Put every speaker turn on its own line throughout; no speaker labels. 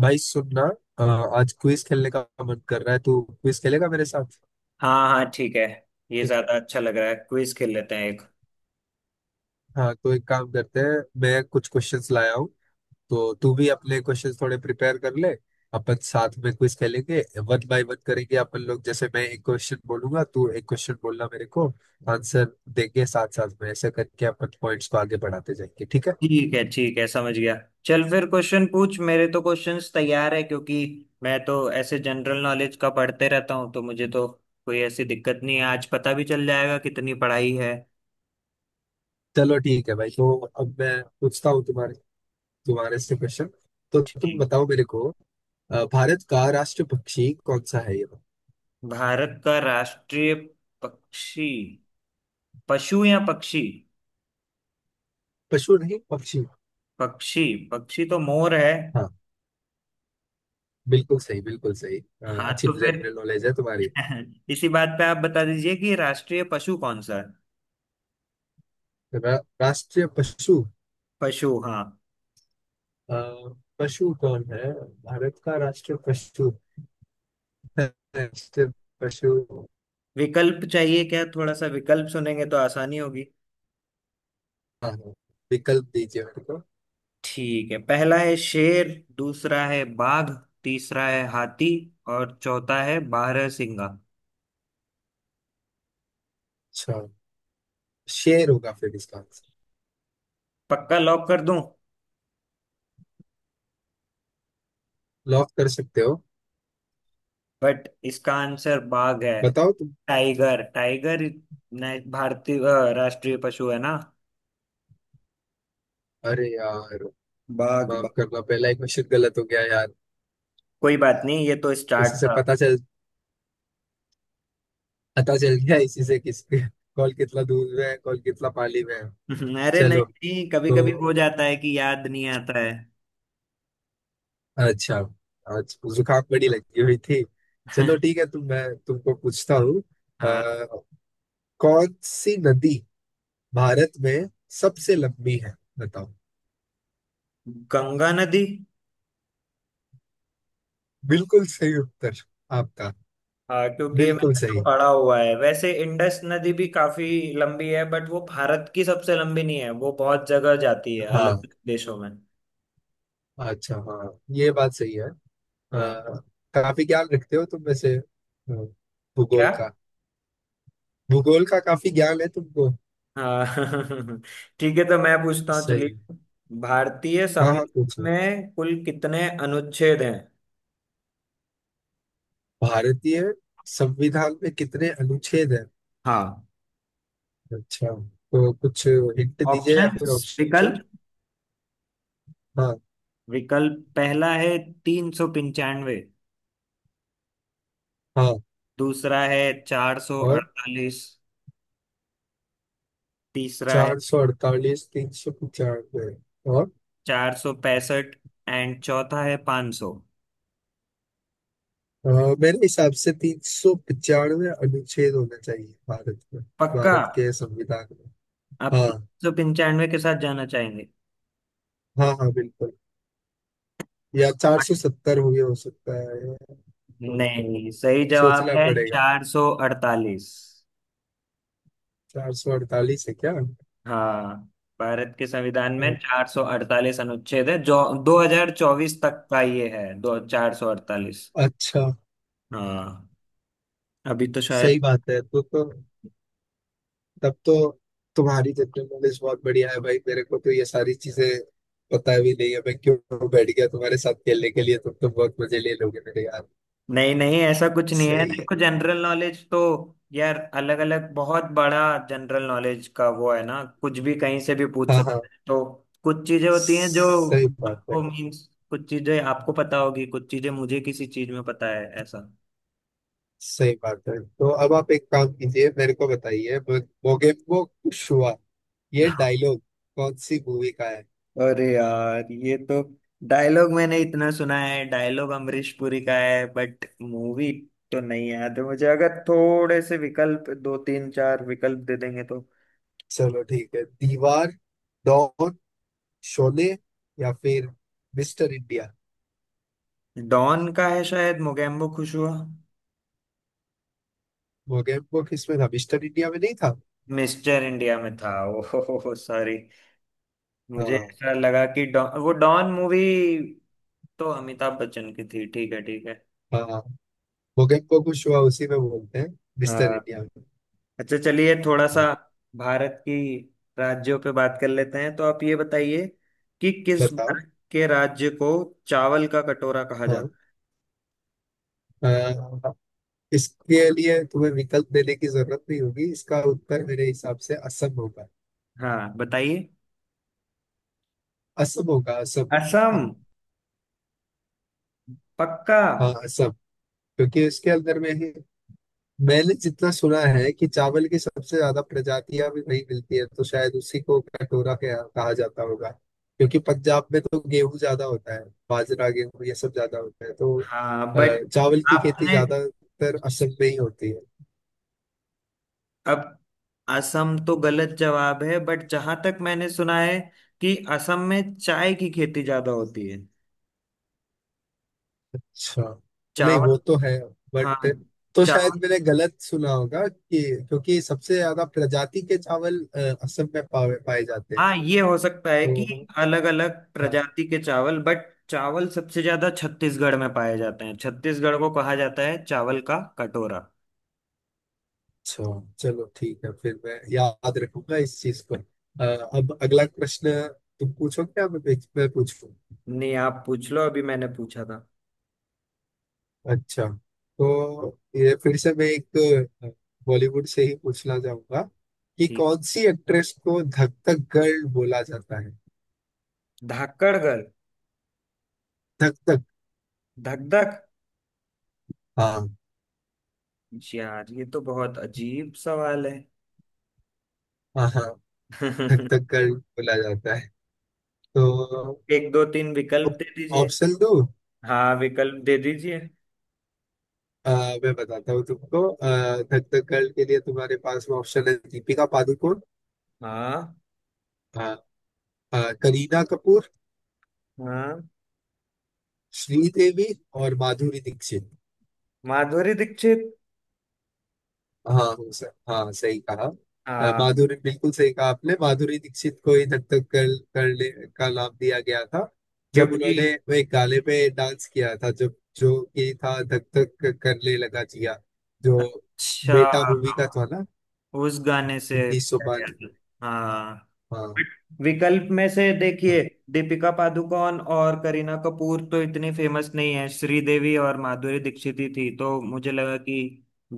भाई सुनना। अ, आज क्विज खेलने का मन कर रहा है। तू क्विज खेलेगा मेरे साथ?
हाँ हाँ, ठीक है। ये
के-
ज्यादा अच्छा लग रहा है, क्विज खेल लेते हैं एक।
हाँ, तो एक काम करते हैं, मैं कुछ क्वेश्चंस लाया हूँ, तो तू भी अपने क्वेश्चंस थोड़े प्रिपेयर कर ले। अपन साथ में क्विज खेलेंगे, वन बाय वन करेंगे अपन लोग। जैसे मैं एक क्वेश्चन बोलूंगा, तू एक क्वेश्चन बोलना मेरे को, आंसर देंगे साथ साथ में, ऐसे करके अपन पॉइंट्स को आगे बढ़ाते जाएंगे। ठीक है।
ठीक है ठीक है, समझ गया। चल फिर क्वेश्चन पूछ, मेरे तो क्वेश्चंस तैयार है क्योंकि मैं तो ऐसे जनरल नॉलेज का पढ़ते रहता हूँ, तो मुझे तो कोई ऐसी दिक्कत नहीं है। आज पता भी चल जाएगा कितनी पढ़ाई है।
चलो ठीक है भाई। तो अब मैं पूछता हूँ तुम्हारे तुम्हारे से क्वेश्चन, तो तुम
ठीक।
बताओ मेरे को। भारत का राष्ट्र पक्षी कौन सा है ये?
भारत का राष्ट्रीय पक्षी पशु या पक्षी?
पशु नहीं, पक्षी।
पक्षी। पक्षी तो मोर है।
हाँ, बिल्कुल सही, बिल्कुल सही।
हाँ
अच्छी
तो फिर
जनरल नॉलेज है तुम्हारी।
इसी बात पे आप बता दीजिए कि राष्ट्रीय पशु कौन सा है।
रा, राष्ट्रीय पशु।
पशु हाँ।
अ, पशु कौन है, भारत का राष्ट्रीय पशु? राष्ट्रीय पशु।
विकल्प चाहिए क्या? थोड़ा सा विकल्प सुनेंगे तो आसानी होगी।
हाँ, हाँ, विकल्प दीजिए मेरे को।
ठीक है, पहला है शेर। दूसरा है बाघ। तीसरा है हाथी। और चौथा है बारहसिंगा।
अच्छा, शेर होगा फिर इसका आंसर।
पक्का लॉक कर दूं?
लॉक कर सकते हो।
बट इसका आंसर बाघ है।
बताओ तुम।
टाइगर टाइगर भारतीय राष्ट्रीय पशु है ना।
अरे यार,
बाघ
माफ
बाघ।
करना, पहला एक क्वेश्चन गलत हो गया यार।
कोई बात नहीं, ये तो स्टार्ट
इसी से
था।
पता चल गया इसी से किस कॉल कितना दूर में है, कॉल कितना पाली में है।
अरे नहीं
चलो,
नहीं, कभी
तो
कभी हो जाता है कि याद नहीं आता है।
अच्छा, आज जुकाम बड़ी लगी हुई थी। चलो ठीक है तुम मैं तुमको पूछता हूँ।
हाँ।
कौन सी नदी भारत में सबसे लंबी है, बताओ?
गंगा नदी।
बिल्कुल सही उत्तर आपका।
हाँ, क्योंकि ये
बिल्कुल
मैंने तो
सही।
पढ़ा हुआ है। वैसे इंडस नदी भी काफी लंबी है बट वो भारत की सबसे लंबी नहीं है, वो बहुत जगह जाती है अलग
हाँ,
अलग देशों में।
अच्छा, हाँ ये बात सही है।
हाँ।
काफी ज्ञान रखते हो तुम वैसे।
क्या?
भूगोल का भूगोल का काफी ज्ञान है तुमको।
हाँ। ठीक है तो मैं पूछता हूँ,
सही।
चलिए। भारतीय
हाँ हाँ,
संविधान
पूछो।
में कुल कितने अनुच्छेद हैं?
भारतीय संविधान में कितने अनुच्छेद हैं?
हाँ।
अच्छा, तो कुछ हिंट दीजिए या फिर
ऑप्शंस
ऑप्शन।
विकल्प।
हाँ।
विकल्प पहला है तीन सौ पंचानवे।
हाँ
दूसरा है चार सौ
और
अड़तालीस। तीसरा है
448, 395 और।
चार सौ पैंसठ। एंड चौथा है पांच सौ।
अ, मेरे हिसाब से 395 अनुच्छेद होना चाहिए भारत में,
पक्का?
भारत के संविधान में।
आप तीन
हाँ,
सौ पंचानवे के साथ जाना चाहेंगे?
हाँ, हाँ बिल्कुल। या 470 भी हो सकता है, या तो
नहीं, सही जवाब
सोचना
है
पड़ेगा।
448।
448 है क्या?
हाँ, भारत के संविधान
अ,
में 448 अनुच्छेद है जो 2024 तक का ये है। दो 448।
अच्छा,
हाँ, अभी तो शायद।
सही बात है। तो तब तो तुम्हारी जनरल नॉलेज बहुत बढ़िया है भाई। मेरे को तो ये सारी चीजें पता भी नहीं है, मैं क्यों बैठ गया तुम्हारे साथ खेलने के लिए, तुम तो बहुत मजे ले लोगे मेरे यार।
नहीं नहीं, ऐसा कुछ नहीं है।
सही
देखो,
है।
जनरल नॉलेज तो यार अलग अलग बहुत बड़ा जनरल नॉलेज का वो है ना, कुछ भी कहीं से भी पूछ
हाँ हाँ,
सकते हैं। तो कुछ चीजें होती हैं जो
सही बात है।
आपको मीन्स कुछ चीजें आपको पता होगी, कुछ चीजें मुझे, किसी चीज में पता है ऐसा।
सही बात है। तो अब आप एक काम कीजिए, मेरे को बताइए, मोगेम्बो खुश हुआ, ये डायलॉग कौन सी मूवी का है?
अरे यार, ये तो डायलॉग मैंने इतना सुना है। डायलॉग अमरीश पुरी का है बट मूवी तो नहीं याद है मुझे। अगर थोड़े से विकल्प, दो तीन चार विकल्प दे देंगे तो।
चलो ठीक है। दीवार, डॉन, शोले या फिर मिस्टर इंडिया?
डॉन का है शायद मोगेम्बो खुश हुआ।
मोगेम्बो किसमें था? मिस्टर इंडिया में नहीं था?
मिस्टर इंडिया में था। ओहो सॉरी, मुझे
हाँ,
ऐसा लगा कि डॉन, वो डॉन मूवी तो अमिताभ बच्चन की थी। ठीक है ठीक है।
हाँ, भूकंप को कुशवा उसी में बोलते हैं, मिस्टर
हाँ।
इंडिया में।
अच्छा चलिए, थोड़ा सा
हाँ।
भारत की राज्यों पे बात कर लेते हैं। तो आप ये बताइए कि किस
बताओ।
भारत के राज्य को चावल का कटोरा कहा
हाँ।
जाता
अ, इसके लिए तुम्हें विकल्प देने की जरूरत नहीं होगी, इसका उत्तर मेरे हिसाब से असम होगा।
है। हाँ बताइए।
असम होगा, असम। हाँ।
असम? पक्का?
हाँ, असम। क्योंकि इसके अंदर में ही मैंने जितना सुना है कि चावल की सबसे ज्यादा प्रजातियां भी वहीं मिलती है, तो शायद उसी को कटोरा कहा कहा जाता होगा। क्योंकि पंजाब में तो गेहूं ज्यादा होता है, बाजरा गेहूं ये सब ज्यादा होता है तो
हाँ बट
चावल की खेती
आपने
ज्यादातर असम में ही होती है।
अब, असम तो गलत जवाब है। बट जहां तक मैंने सुना है कि असम में चाय की खेती ज्यादा होती है।
अच्छा। नहीं
चावल।
वो तो है,
हाँ।
बट तो
चावल।
शायद मैंने गलत सुना होगा कि क्योंकि सबसे ज्यादा प्रजाति के चावल असम में पाए पाए जाते हैं
हाँ ये हो सकता है कि
तो।
अलग अलग
हाँ।
प्रजाति के चावल, बट चावल सबसे ज्यादा छत्तीसगढ़ में पाए जाते हैं। छत्तीसगढ़ को कहा जाता है चावल का कटोरा।
अच्छा, चलो ठीक है फिर मैं याद रखूंगा इस चीज को। अब अगला प्रश्न तुम पूछोगे या मैं पूछूं?
नहीं आप पूछ लो, अभी मैंने पूछा था।
अच्छा, तो ये फिर से मैं एक अ, बॉलीवुड से ही पूछना चाहूंगा कि
ठीक।
कौन सी एक्ट्रेस को धक धक गर्ल बोला जाता है?
धाकड़गढ़?
धक धक।
धक धक?
हाँ,
यार ये तो बहुत अजीब सवाल है।
हाँ, हाँ। थक थक कर बोला जाता है तो
एक दो तीन विकल्प दे दीजिए।
ऑप्शन दो।
हाँ विकल्प दे दीजिए।
मैं बताता हूँ तुमको। थक थक कर के लिए तुम्हारे पास में ऑप्शन है: दीपिका पादुकोण,
हाँ
अ, करीना कपूर,
हाँ।
श्रीदेवी और माधुरी दीक्षित।
माधुरी दीक्षित।
हाँ, हो सर, हाँ सही कहा।
हाँ
माधुरी, बिल्कुल सही कहा आपने, माधुरी दीक्षित को ही धक धक कर करने का नाम दिया गया था जब
क्योंकि।
उन्होंने वो एक गाने पे डांस किया था, जब जो कि था धक धक करने लगा जिया, जो
अच्छा।
बेटा मूवी का था ना,
उस गाने से
उन्नीस सौ
किया
हाँ।
गया था। हाँ। विकल्प में से देखिए,
हाँ,
दीपिका पादुकोण और करीना कपूर तो इतनी फेमस नहीं है, श्रीदेवी और माधुरी दीक्षित ही थी। तो मुझे लगा कि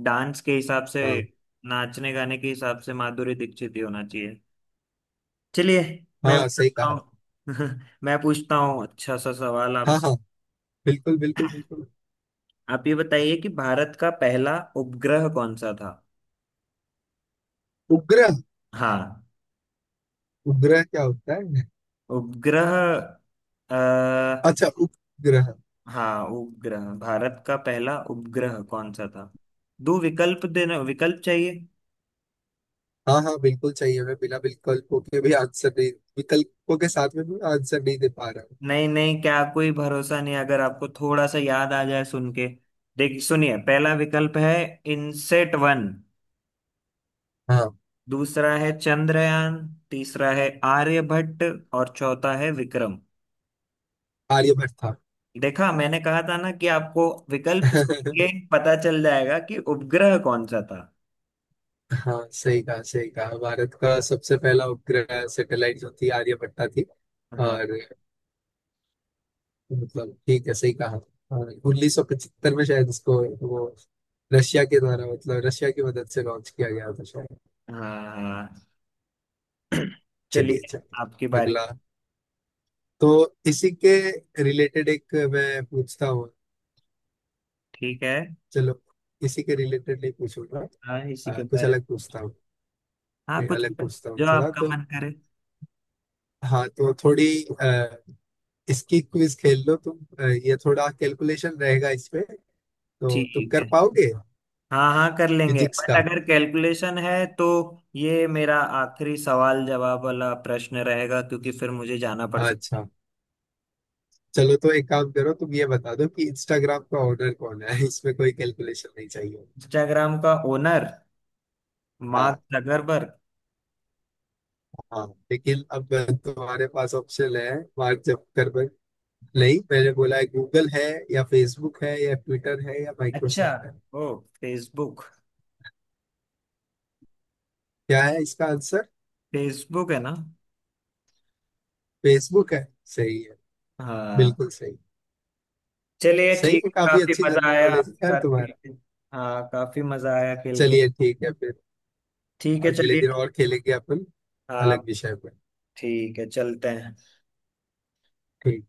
डांस के हिसाब से,
हाँ,
नाचने गाने के हिसाब से माधुरी दीक्षित ही होना चाहिए। चलिए, मैं
हाँ सही
बताता
कहा।
हूँ। मैं पूछता हूँ अच्छा सा सवाल आप।
हाँ हाँ, बिल्कुल, बिल्कुल, बिल्कुल।
आप ये बताइए कि भारत का पहला उपग्रह कौन सा था।
उपग्रह?
हाँ।
उपग्रह क्या होता है?
उपग्रह, आ,
अच्छा, उपग्रह।
हाँ उपग्रह। भारत का पहला उपग्रह कौन सा था? दो विकल्प देना, विकल्प चाहिए?
हाँ हाँ बिल्कुल चाहिए, मैं बिना विकल्पों के भी आंसर नहीं, विकल्पों के साथ में भी आंसर नहीं दे पा रहा हूँ।
नहीं नहीं, क्या कोई भरोसा नहीं? अगर आपको थोड़ा सा याद आ जाए सुन के। देख, सुनिए, पहला विकल्प है इनसेट वन।
हाँ।
दूसरा है चंद्रयान। तीसरा है आर्यभट्ट। और चौथा है विक्रम।
आर्यभट्ट था।
देखा, मैंने कहा था ना कि आपको विकल्प सुन के पता चल जाएगा कि उपग्रह कौन सा था।
हाँ, सही कहा, सही कहा। भारत का सबसे पहला उपग्रह सैटेलाइट जो थी, आर्यभट्ट थी।
हाँ।
और, मतलब, ठीक है सही कहा। हाँ, 1975 में शायद उसको वो रशिया के द्वारा, मतलब रशिया की मदद से लॉन्च किया गया था शायद।
हाँ हाँ।
चलिए।
चलिए,
अच्छा,
आपकी बारी।
अगला। तो इसी के रिलेटेड एक मैं पूछता हूँ।
ठीक है।
चलो, इसी के रिलेटेड नहीं पूछूंगा।
हाँ इसी के
कुछ
बारे में।
अलग पूछता हूँ।
हाँ,
नहीं,
कुछ
अलग
भी,
पूछता हूँ
जो
थोड़ा
आपका
तो।
मन करे।
हाँ, तो थोड़ी अ, इसकी क्विज खेल लो तुम। ये थोड़ा कैलकुलेशन रहेगा इसमें, तो
ठीक
तुम कर
है,
पाओगे?
हाँ हाँ कर लेंगे।
फिजिक्स
बट
का।
अगर कैलकुलेशन है तो ये मेरा आखिरी सवाल जवाब वाला प्रश्न रहेगा, क्योंकि फिर मुझे जाना पड़ सकता।
अच्छा, चलो तो एक काम करो, तुम ये बता दो कि इंस्टाग्राम का ओनर कौन है? इसमें कोई कैलकुलेशन नहीं चाहिए।
इंस्टाग्राम का ओनर मार्क
हाँ
जकरबर्ग।
हाँ। लेकिन अब तुम्हारे पास ऑप्शन है। मार्क जुकरबर्ग नहीं, मैंने बोला है गूगल है, या फेसबुक है, या ट्विटर है, या
अच्छा।
माइक्रोसॉफ्ट है?
ओ, फेसबुक।
क्या है इसका आंसर?
फेसबुक है ना।
फेसबुक है? सही है।
हाँ।
बिल्कुल सही।
चलिए
सही
ठीक
है,
है,
काफी
काफी
अच्छी
मजा
जनरल
आया
नॉलेज है
आपके
यार
साथ खेल
तुम्हारा।
के। हाँ, काफी मजा आया खेल के।
चलिए ठीक है फिर,
ठीक है
अगले
चलिए।
दिन और खेलेंगे अपन,
हाँ
अलग विषय पर।
ठीक है, चलते हैं।
ठीक।